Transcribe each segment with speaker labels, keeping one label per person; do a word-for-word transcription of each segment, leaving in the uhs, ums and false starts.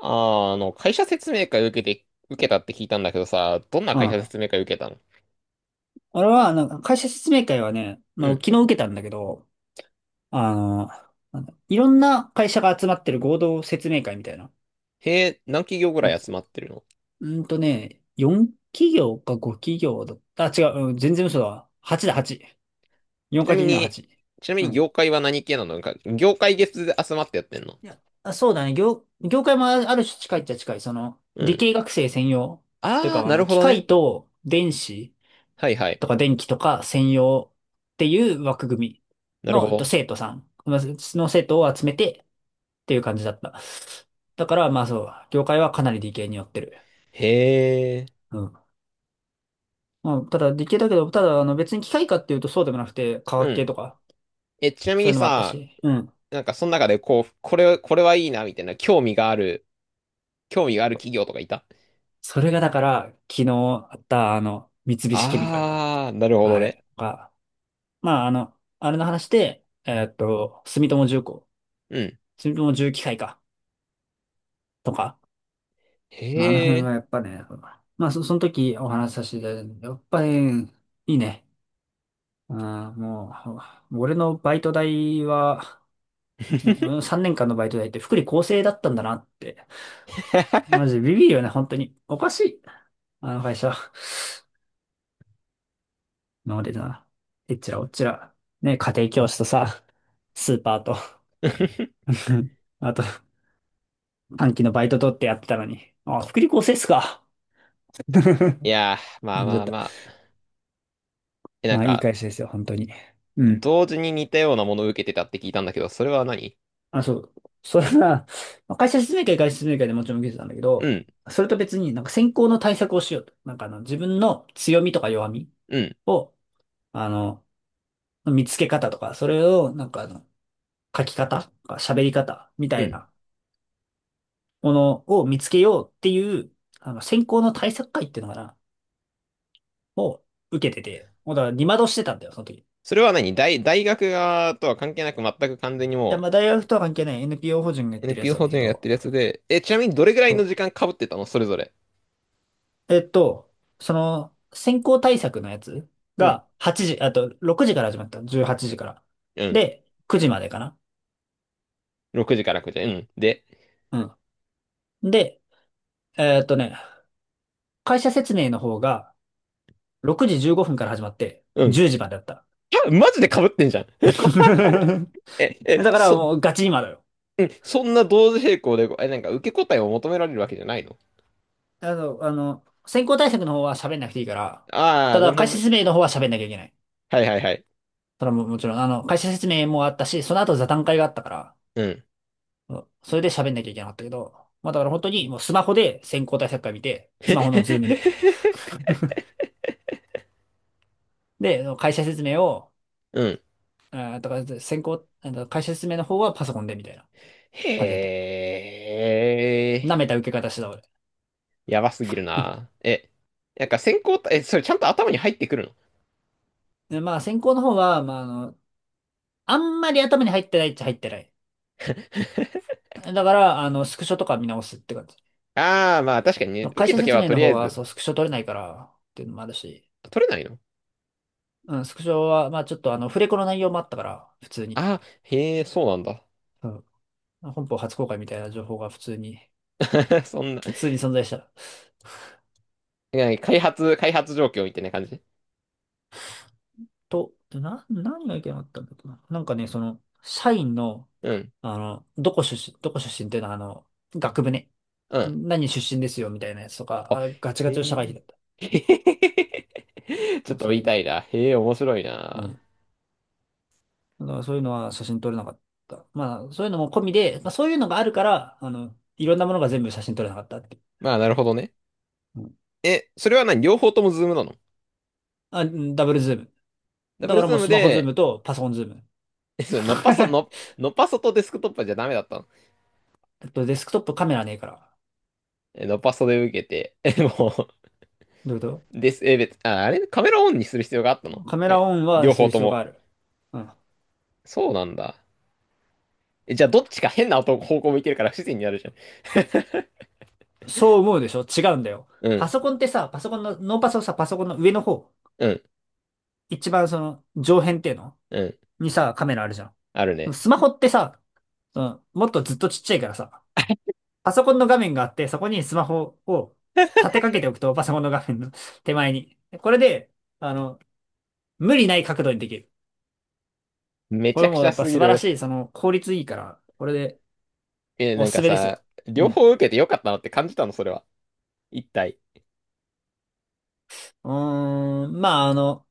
Speaker 1: あー、あの、会社説明会受けて、受けたって聞いたんだけどさ、どんな
Speaker 2: うん。
Speaker 1: 会社
Speaker 2: あ
Speaker 1: 説明会受けたの？
Speaker 2: れは、なんか会社説明会はね、
Speaker 1: う
Speaker 2: まあ、
Speaker 1: ん。
Speaker 2: 昨日受けたんだけど、あの、なんだいろんな会社が集まってる合同説明会みたいな
Speaker 1: へえ、何企業ぐ
Speaker 2: や
Speaker 1: らい
Speaker 2: つ。
Speaker 1: 集まってるの？
Speaker 2: うーんとね、よん企業かご企業だった。あ、違う、うん、全然嘘だわ。はちだ、はち。よん
Speaker 1: ちな
Speaker 2: か
Speaker 1: み
Speaker 2: けるの
Speaker 1: に、
Speaker 2: はち。
Speaker 1: ちなみ
Speaker 2: う
Speaker 1: に
Speaker 2: ん。
Speaker 1: 業界は何系なの？なんか、業界別で集まってやってんの？
Speaker 2: いや、あ、そうだね。業、業界もあある種近いっちゃ近い。その、
Speaker 1: う
Speaker 2: 理
Speaker 1: ん。
Speaker 2: 系学生専用。という
Speaker 1: あ
Speaker 2: か、
Speaker 1: ー、
Speaker 2: あ
Speaker 1: なる
Speaker 2: の、
Speaker 1: ほ
Speaker 2: 機
Speaker 1: どね。
Speaker 2: 械と電子
Speaker 1: はいは
Speaker 2: と
Speaker 1: い。
Speaker 2: か電気とか専用っていう枠組み
Speaker 1: なるほ
Speaker 2: の、えっと、
Speaker 1: ど。
Speaker 2: 生徒さん、まあその生徒を集めてっていう感じだった。だから、まあそう、業界はかなり理系に寄ってる。
Speaker 1: へえ。
Speaker 2: うん。まあ、ただ理系だけど、ただあの別に機械科っていうとそうでもなくて、化
Speaker 1: う
Speaker 2: 学系
Speaker 1: ん。
Speaker 2: とか、
Speaker 1: え、ちなみ
Speaker 2: そうい
Speaker 1: に
Speaker 2: うのもあった
Speaker 1: さ、
Speaker 2: し。うん。
Speaker 1: なんかその中でこう、これ、これはいいな、みたいな、興味がある、興味がある企業とかいた？
Speaker 2: それがだから、昨日あったあの、三菱ケミカルよ。
Speaker 1: あー、なるほ
Speaker 2: あ
Speaker 1: どね。
Speaker 2: れが、まああの、あれの話で、えーっと、住友重工、
Speaker 1: うん。
Speaker 2: 住友重機械かとか、まあ、あの
Speaker 1: へ
Speaker 2: 辺は
Speaker 1: え。
Speaker 2: やっぱね、まあ、そ、その時お話しさせていただいたんだけどやっぱり、いいね。あもう、俺のバイト代は、ね、俺のさんねんかんのバイト代って福利厚生だったんだなって。マ ジビビるよね、本当に。おかしい。あの会社。今までな。えっちらおっちら。ね、家庭教師とさ、スーパーと。あと、短期のバイト取ってやってたのに。あ、福利厚生っすか。
Speaker 1: いやー、ま
Speaker 2: な
Speaker 1: あ
Speaker 2: んじゃ
Speaker 1: ま
Speaker 2: っ
Speaker 1: あ
Speaker 2: た。
Speaker 1: まあ。え、なん
Speaker 2: まあ、いい
Speaker 1: か、
Speaker 2: 会社ですよ、本当に。うん。
Speaker 1: 同時に似たようなものを受けてたって聞いたんだけど、それは何？
Speaker 2: あ、そう。それは、まあ会社説明会、会社説明会でもちろん受けてたんだけ
Speaker 1: う
Speaker 2: ど、
Speaker 1: ん、
Speaker 2: それと別になんか選考の対策をしようと。なんかあの、自分の強みとか弱み
Speaker 1: うん、
Speaker 2: を、あの、見つけ方とか、それをなんかあの、書き方とか喋り方みた
Speaker 1: う
Speaker 2: い
Speaker 1: ん。
Speaker 2: なものを見つけようっていう、あの、選考の対策会っていうのかな、を受けてて、もうだから二窓してたんだよ、その時。い
Speaker 1: それは何大、大学側とは関係なく全く完全に
Speaker 2: や、
Speaker 1: も
Speaker 2: まあ大学とは関係ない エヌピーオー 法人がやっ
Speaker 1: う
Speaker 2: てるやつ
Speaker 1: エヌピーオー
Speaker 2: なん
Speaker 1: 法
Speaker 2: だ
Speaker 1: 人
Speaker 2: け
Speaker 1: がやってる
Speaker 2: ど、
Speaker 1: やつで、え、ちなみにどれぐらい
Speaker 2: そ
Speaker 1: の
Speaker 2: う
Speaker 1: 時間被ってたの、それぞれ？
Speaker 2: えっと、その、先行対策のやつ
Speaker 1: うん、
Speaker 2: がはちじ、あとろくじから始まったの。じゅうはちじから。
Speaker 1: うん。
Speaker 2: で、くじまでかな。
Speaker 1: ろくじからくじ。うん。で、
Speaker 2: うん。で、えっとね、会社説明の方がろくじじゅうごふんから始まって
Speaker 1: うん。
Speaker 2: じゅうじまでだった。
Speaker 1: あ、マジで被ってんじゃん。え、
Speaker 2: だ
Speaker 1: え、
Speaker 2: から
Speaker 1: そ、
Speaker 2: もうガチ今だよ。
Speaker 1: うん、そんな同時並行で、え、なんか受け答えを求められるわけじゃないの？
Speaker 2: あの、あの、先行対策の方は喋んなくていいから、
Speaker 1: ああ
Speaker 2: た
Speaker 1: ー、な
Speaker 2: だ
Speaker 1: るほ
Speaker 2: 会
Speaker 1: ど
Speaker 2: 社
Speaker 1: ね。
Speaker 2: 説明の方は喋んなきゃいけない。
Speaker 1: はいはいはい。
Speaker 2: それはもうもちろん、あの、会社説明もあったし、その後座談会があったから、
Speaker 1: うん。
Speaker 2: うんそれで喋んなきゃいけなかったけど、まあだから本当にもうスマホで先行対策会見て、スマホのズームで。で、会社説明を、
Speaker 1: うん。
Speaker 2: あーだから先行、あの会社説明の方はパソコンでみたいな感じだと。
Speaker 1: へえ、
Speaker 2: 舐めた受け方してた俺。
Speaker 1: やばすぎるな。え、なんか選考た、え、それちゃんと頭に入ってくる
Speaker 2: で、まあ先行の方は、まああの、あんまり頭に入ってないっちゃ入ってない。だから、あの、スクショとか見直すって感じ。
Speaker 1: の？ああー、まあ確かにね、受
Speaker 2: 会
Speaker 1: け
Speaker 2: 社
Speaker 1: とけ
Speaker 2: 説
Speaker 1: ば
Speaker 2: 明
Speaker 1: と
Speaker 2: の
Speaker 1: りあ
Speaker 2: 方
Speaker 1: え
Speaker 2: は、
Speaker 1: ず、
Speaker 2: そう、スクショ取れないからっていうのもあるし、
Speaker 1: 取れないの？
Speaker 2: うん、スクショは、まあちょっとあの、フレコの内容もあったから、普通に。
Speaker 1: ああー、へえ、そうなんだ。
Speaker 2: うん、本邦初公開みたいな情報が普通に。
Speaker 1: そんな、なんか
Speaker 2: 普通に存在したら。
Speaker 1: ね開発、開発状況みたいな感じ？
Speaker 2: と、でな、何がいけなかったんだっけな。なんかね、その、社員の、
Speaker 1: うん、
Speaker 2: あの、どこ出身、どこ出身っていうのは、あの、学部ね。
Speaker 1: うん。
Speaker 2: 何出身ですよ、みたいなやつとか、
Speaker 1: あ、
Speaker 2: あ、ガチガ
Speaker 1: へ
Speaker 2: チの社会人
Speaker 1: え。
Speaker 2: だった。
Speaker 1: へへへへちょ
Speaker 2: そ
Speaker 1: っ
Speaker 2: う
Speaker 1: と
Speaker 2: そ
Speaker 1: 言
Speaker 2: う
Speaker 1: い
Speaker 2: いうの
Speaker 1: たい
Speaker 2: と。
Speaker 1: な。へえ、面白い
Speaker 2: う
Speaker 1: な。
Speaker 2: ん。だからそういうのは写真撮れなかった。まあ、そういうのも込みで、まあそういうのがあるから、あの、いろんなものが全部写真撮れなかったってい
Speaker 1: まあなるほどね。
Speaker 2: う。うん。
Speaker 1: え、それは何、両方ともズームなの？
Speaker 2: あ、うんダブルズーム。
Speaker 1: ダブ
Speaker 2: だ
Speaker 1: ル
Speaker 2: から
Speaker 1: ズ
Speaker 2: も
Speaker 1: ー
Speaker 2: う
Speaker 1: ム
Speaker 2: スマホズー
Speaker 1: で、
Speaker 2: ムとパソコンズーム。
Speaker 1: えそれのっぱそ、の、のっぱそとデスクトップじゃダメだったの？
Speaker 2: あとデスクトップカメラねえから。
Speaker 1: ノパソで受けて、え、も
Speaker 2: どういうこ
Speaker 1: う、です、え、別、あ、あれ、カメラオンにする必要があったの
Speaker 2: と。カメ
Speaker 1: か
Speaker 2: ラ
Speaker 1: い、
Speaker 2: オンは
Speaker 1: 両
Speaker 2: す
Speaker 1: 方
Speaker 2: る
Speaker 1: と
Speaker 2: 必要が
Speaker 1: も？
Speaker 2: ある。うん
Speaker 1: そうなんだ。え、じゃあどっちか変な音方向向いてるから不自然になるじゃん。
Speaker 2: そう思うでしょ違うんだよ。
Speaker 1: う
Speaker 2: パ
Speaker 1: ん、
Speaker 2: ソコンってさ、パソコンの、ノーパソさ、パソコンの上の方、
Speaker 1: うん、
Speaker 2: 一番その上辺っていうの
Speaker 1: うん。
Speaker 2: にさ、カメラあるじゃん。で
Speaker 1: ある
Speaker 2: も
Speaker 1: ね。
Speaker 2: スマホってさ、うん、もっとずっとちっちゃいからさ、パソコンの画面があって、そこにスマホを立てかけておくと、パソコンの画面の 手前に。これで、あの、無理ない角度にできる。
Speaker 1: め
Speaker 2: こ
Speaker 1: ち
Speaker 2: れ
Speaker 1: ゃく
Speaker 2: も
Speaker 1: ち
Speaker 2: や
Speaker 1: ゃ
Speaker 2: っぱ
Speaker 1: すぎ
Speaker 2: 素晴ら
Speaker 1: る。
Speaker 2: しい、その効率いいから、これで
Speaker 1: え、な
Speaker 2: お
Speaker 1: ん
Speaker 2: す
Speaker 1: か
Speaker 2: すめです
Speaker 1: さ、
Speaker 2: よ。う
Speaker 1: 両
Speaker 2: ん。
Speaker 1: 方受けてよかったなって感じたの、それは。一体。
Speaker 2: うーん、まああの、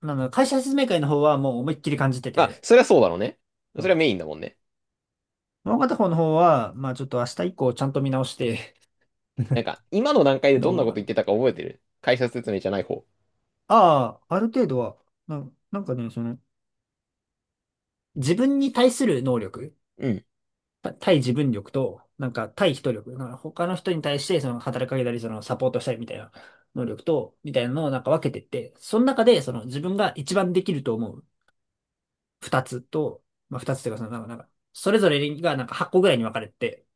Speaker 2: なんだろう会社説明会の方はもう思いっきり感じて
Speaker 1: まあ、
Speaker 2: て、
Speaker 1: それはそうだろうね。そ
Speaker 2: う
Speaker 1: れ
Speaker 2: ん
Speaker 1: はメインだもんね。
Speaker 2: もう片方の方は、まあちょっと明日以降ちゃんと見直して、
Speaker 1: なんか、今の段階 で
Speaker 2: どう
Speaker 1: どんな
Speaker 2: 思う
Speaker 1: こと
Speaker 2: かな。
Speaker 1: 言ってたか覚えてる、解説説明じゃない方。
Speaker 2: ああ、ある程度は、な、なんかね、その、自分に対する能力、
Speaker 1: うん。
Speaker 2: た対自分力と、なんか対人力、なんか他の人に対してその働きかけたり、そのサポートしたりみたいな能力と、みたいなのをなんか分けてって、その中でその自分が一番できると思う二つと、まあ二つというかそのなんか、なんかそれぞれがなんかはちこぐらいに分かれてて、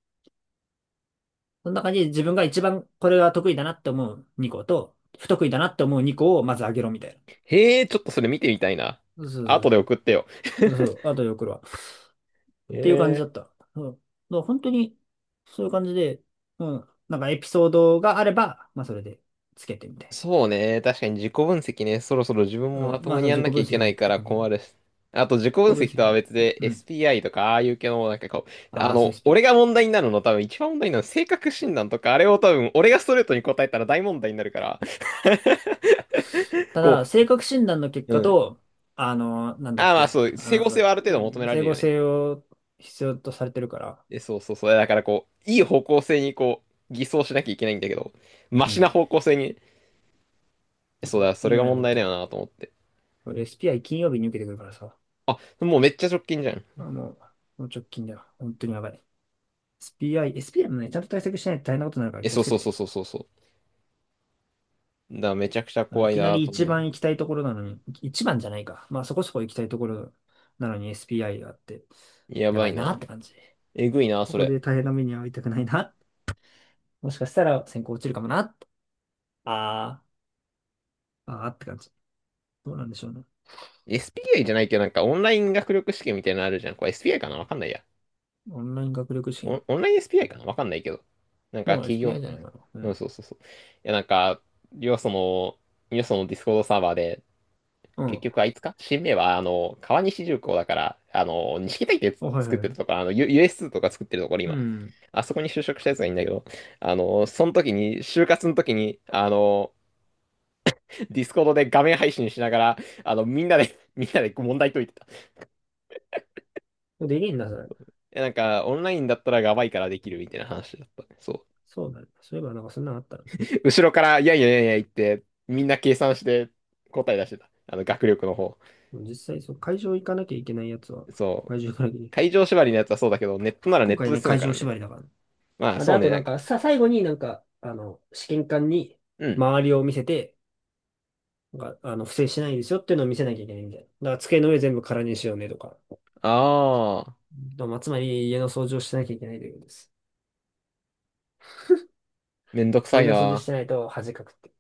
Speaker 2: その中に自分が一番これが得意だなって思うにこと、不得意だなって思うにこをまず上げろみたいな。
Speaker 1: へえ、ちょっとそれ見てみたいな。
Speaker 2: そうそう
Speaker 1: 後
Speaker 2: そ
Speaker 1: で送ってよ。
Speaker 2: う。そう、あとで送るわ。っ
Speaker 1: へ
Speaker 2: ていう感じだ
Speaker 1: え。
Speaker 2: った。うん。だから本当に、そういう感じで、うん。なんかエピソードがあれば、まあそれでつけてみたい
Speaker 1: そうね。確かに自己分析ね。そろそろ自分
Speaker 2: な。
Speaker 1: もま
Speaker 2: うん。
Speaker 1: と
Speaker 2: ま
Speaker 1: も
Speaker 2: あそ
Speaker 1: に
Speaker 2: の
Speaker 1: やん
Speaker 2: 自己
Speaker 1: な
Speaker 2: 分
Speaker 1: きゃいけ
Speaker 2: 析
Speaker 1: な
Speaker 2: もいい
Speaker 1: い
Speaker 2: っ
Speaker 1: か
Speaker 2: て
Speaker 1: ら
Speaker 2: 感じ。自
Speaker 1: 困るし。あと自己分
Speaker 2: 己分
Speaker 1: 析とは
Speaker 2: 析。
Speaker 1: 別で
Speaker 2: うん。
Speaker 1: エスピーアイ とかああいう系のなんかこう、あ
Speaker 2: ああ、そう
Speaker 1: の、
Speaker 2: s p
Speaker 1: 俺が問題になるの、多分一番問題になるのは性格診断とか、あれを多分俺がストレートに答えたら大問題になるから、
Speaker 2: た
Speaker 1: こ
Speaker 2: だ、性格診断の結
Speaker 1: う、う
Speaker 2: 果
Speaker 1: ん。
Speaker 2: と、あの、なんだ
Speaker 1: あ
Speaker 2: っ
Speaker 1: あ、まあ
Speaker 2: け、
Speaker 1: そう、
Speaker 2: あ
Speaker 1: 整合性
Speaker 2: の、
Speaker 1: はある程
Speaker 2: う
Speaker 1: 度求
Speaker 2: ん、
Speaker 1: められ
Speaker 2: 整
Speaker 1: る
Speaker 2: 合
Speaker 1: よね。
Speaker 2: 性を必要とされてるから、
Speaker 1: えそうそうそう。だからこう、いい方向性にこう、偽装しなきゃいけないんだけど、マ
Speaker 2: う
Speaker 1: シな
Speaker 2: ん。
Speaker 1: 方向性に、えそ
Speaker 2: そ
Speaker 1: う
Speaker 2: う、
Speaker 1: だ、そ
Speaker 2: う
Speaker 1: れが
Speaker 2: まいや
Speaker 1: 問
Speaker 2: ね
Speaker 1: 題
Speaker 2: け
Speaker 1: だ
Speaker 2: ど。
Speaker 1: よなと思って。
Speaker 2: 俺 エスピーアイ 金曜日に受けてくるからさ、
Speaker 1: あ、もうめっちゃ直近じゃん。
Speaker 2: あ、もう、もう直近だよ。本当にやばい。エスピーアイ、エスピーアイ もね、ちゃんと対策しないと大変なことになるから
Speaker 1: え、
Speaker 2: 気を
Speaker 1: そう
Speaker 2: つけ
Speaker 1: そう
Speaker 2: て
Speaker 1: そう
Speaker 2: ね。
Speaker 1: そうそうそう。だからめちゃくちゃ
Speaker 2: あの
Speaker 1: 怖
Speaker 2: い
Speaker 1: い
Speaker 2: きな
Speaker 1: な
Speaker 2: り
Speaker 1: と思い
Speaker 2: 一
Speaker 1: ながら。
Speaker 2: 番行きたいところなのに、一番じゃないか。まあそこそこ行きたいところなのに エスピーアイ があって、
Speaker 1: や
Speaker 2: や
Speaker 1: ば
Speaker 2: ば
Speaker 1: い
Speaker 2: いなっ
Speaker 1: な。
Speaker 2: て感じ。
Speaker 1: えぐいな、
Speaker 2: こ
Speaker 1: そ
Speaker 2: こ
Speaker 1: れ。
Speaker 2: で大変な目に遭いたくないな。もしかしたら選考落ちるかもな。あー、あーって感じ。どうなんでしょうね。
Speaker 1: エスピーアイ じゃないけど、なんかオンライン学力試験みたいなのあるじゃん。これ エスピーアイ かなわかんないや。
Speaker 2: オンライン学力試
Speaker 1: オ
Speaker 2: 験。
Speaker 1: ン、オンライン エスピーアイ かなわかんないけど。なんか
Speaker 2: もう
Speaker 1: 企業、
Speaker 2: エスピーアイ じゃないかな。う
Speaker 1: うん
Speaker 2: ん。
Speaker 1: そうそうそう。いや、なんか、よその、よそのディスコードサーバーで、
Speaker 2: う
Speaker 1: 結
Speaker 2: ん。
Speaker 1: 局あいつか新名は、あの、川西重工だから、あの、錦帯って
Speaker 2: あはいは
Speaker 1: 作
Speaker 2: い
Speaker 1: って
Speaker 2: は
Speaker 1: る
Speaker 2: い。
Speaker 1: ところ、あの、U- ス s ツーとか作ってるところ、
Speaker 2: う
Speaker 1: 今。
Speaker 2: ん。
Speaker 1: あそこに就職したやつがいいんだけど、あの、その時に、就活の時に、あの、ディスコードで画面配信しながら、あの、みんなで みんなで問題解いてた。
Speaker 2: できるんだ、それ。
Speaker 1: え、なんか、オンラインだったらやばいからできるみたいな話だったね。そ
Speaker 2: そうだね。そういえば、なんかそんなのあったら。
Speaker 1: う。後ろから、いやいやいやいや言って、みんな計算して答え出してた。あの、学力の方。
Speaker 2: 実際、そう、会場行かなきゃいけないやつは、
Speaker 1: そう。
Speaker 2: 会場行かなきゃいけない。
Speaker 1: 会場縛りのやつはそうだけど、ネットならネ
Speaker 2: 今
Speaker 1: ット
Speaker 2: 回
Speaker 1: で
Speaker 2: ね、
Speaker 1: 済む
Speaker 2: 会
Speaker 1: か
Speaker 2: 場
Speaker 1: らね。
Speaker 2: 縛りだから。
Speaker 1: まあ、
Speaker 2: まあで、
Speaker 1: そう
Speaker 2: あ
Speaker 1: ね、
Speaker 2: と
Speaker 1: な
Speaker 2: な
Speaker 1: ん
Speaker 2: ん
Speaker 1: か。
Speaker 2: か、さ、最後になんか、あの、試験官に
Speaker 1: うん。
Speaker 2: 周りを見せて、なんか、あの、不正しないですよっていうのを見せなきゃいけないみたいな。だから机の上全部空にしようねとか。
Speaker 1: ああ、
Speaker 2: まあ、つまり家の掃除をしなきゃいけないということです。
Speaker 1: めんどくさ
Speaker 2: 家
Speaker 1: い
Speaker 2: の掃除し
Speaker 1: な。
Speaker 2: てないと恥かくって。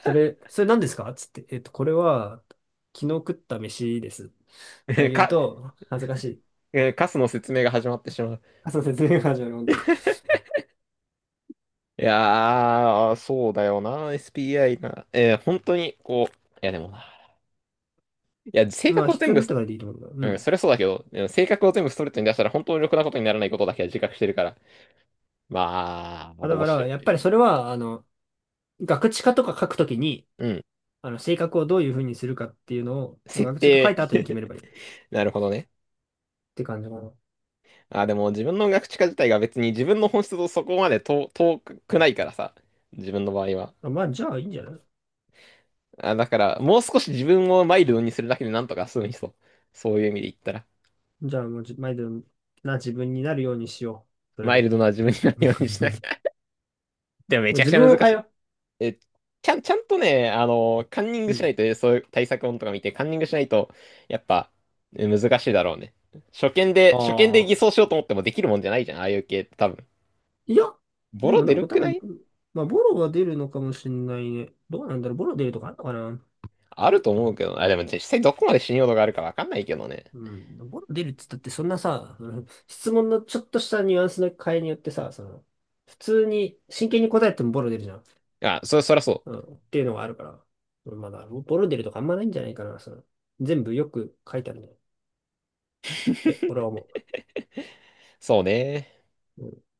Speaker 2: それ、それ何ですかつって、えっと、これは、昨日食った飯です。あ 言う
Speaker 1: か、
Speaker 2: と、恥ずかしい。
Speaker 1: えー、カスの説明が始まってしまう。
Speaker 2: あ、そう、説明が始まる、本当に。
Speaker 1: いやー、そうだよな、エスピーアイ な。えー本当に、こう、いやでもな、いや、性
Speaker 2: まあ、
Speaker 1: 格を
Speaker 2: 必
Speaker 1: 全
Speaker 2: 要に
Speaker 1: 部、
Speaker 2: なったからでいいと思うんだ。う
Speaker 1: うん、
Speaker 2: ん。
Speaker 1: それはそうだけど、うん、性格を全部ストレートに出したら本当にろくなことにならないことだけは自覚してるから。まあ、まあ
Speaker 2: まあだ
Speaker 1: どう
Speaker 2: か
Speaker 1: しよ
Speaker 2: ら、
Speaker 1: うっ
Speaker 2: やっ
Speaker 1: て
Speaker 2: ぱ
Speaker 1: い
Speaker 2: り
Speaker 1: う。
Speaker 2: それは、あの、ガクチカとか書くときに、
Speaker 1: うん。
Speaker 2: あの、性格をどういうふうにするかっていうのを、まあ、
Speaker 1: 設
Speaker 2: 学習が書い
Speaker 1: 定。
Speaker 2: た後に決 めればいいっ
Speaker 1: なるほどね。
Speaker 2: て感じかな。ま
Speaker 1: あ、でも自分の学知化自体が別に自分の本質とそこまで遠遠くないからさ。自分の場合は。
Speaker 2: あまあ、じゃあいいんじゃない？
Speaker 1: あ、だから、もう少し自分をマイルドにするだけでなんとか済むにそう。そういう意味で言ったら。
Speaker 2: じゃあもうじ、毎度な自分になるようにしよう。それ
Speaker 1: マイルド
Speaker 2: で。
Speaker 1: な自分にな る
Speaker 2: も
Speaker 1: ようにしなきゃ。でもめ
Speaker 2: う
Speaker 1: ちゃく
Speaker 2: 自
Speaker 1: ちゃ
Speaker 2: 分を
Speaker 1: 難
Speaker 2: 変
Speaker 1: し
Speaker 2: え
Speaker 1: い。
Speaker 2: よ
Speaker 1: え、ちゃん、ちゃんとね、あの、カンニン
Speaker 2: う。
Speaker 1: グ
Speaker 2: う
Speaker 1: しない
Speaker 2: ん。
Speaker 1: とね、えそういう対策本とか見て、カンニングしないと、やっぱ、え難しいだろうね。初見で、
Speaker 2: あ
Speaker 1: 初見で偽
Speaker 2: あ、
Speaker 1: 装しようと思ってもできるもんじゃないじゃん、ああいう系って多分。
Speaker 2: いや、
Speaker 1: ボ
Speaker 2: で
Speaker 1: ロ
Speaker 2: もな
Speaker 1: 出
Speaker 2: ん
Speaker 1: る
Speaker 2: か多
Speaker 1: くな
Speaker 2: 分、
Speaker 1: い？
Speaker 2: まあ、ボロは出るのかもしれないね。どうなんだろう、ボロ出るとかあるのかな？
Speaker 1: あると思うけど、あ、でも実際どこまで信用度があるかわかんないけどね。
Speaker 2: うん。ボロ出るって言ったって、そんなさ、あの質問のちょっとしたニュアンスの変えによってさ、その、普通に、真剣に答えてもボロ出るじゃん。
Speaker 1: あ、そ、そりゃそ
Speaker 2: う
Speaker 1: う。
Speaker 2: ん、っていうのがあるから。まだ、ボロ出るとかあんまないんじゃないかな。その全部よく書いてあるね。え、俺は思
Speaker 1: そうね。
Speaker 2: う。うん。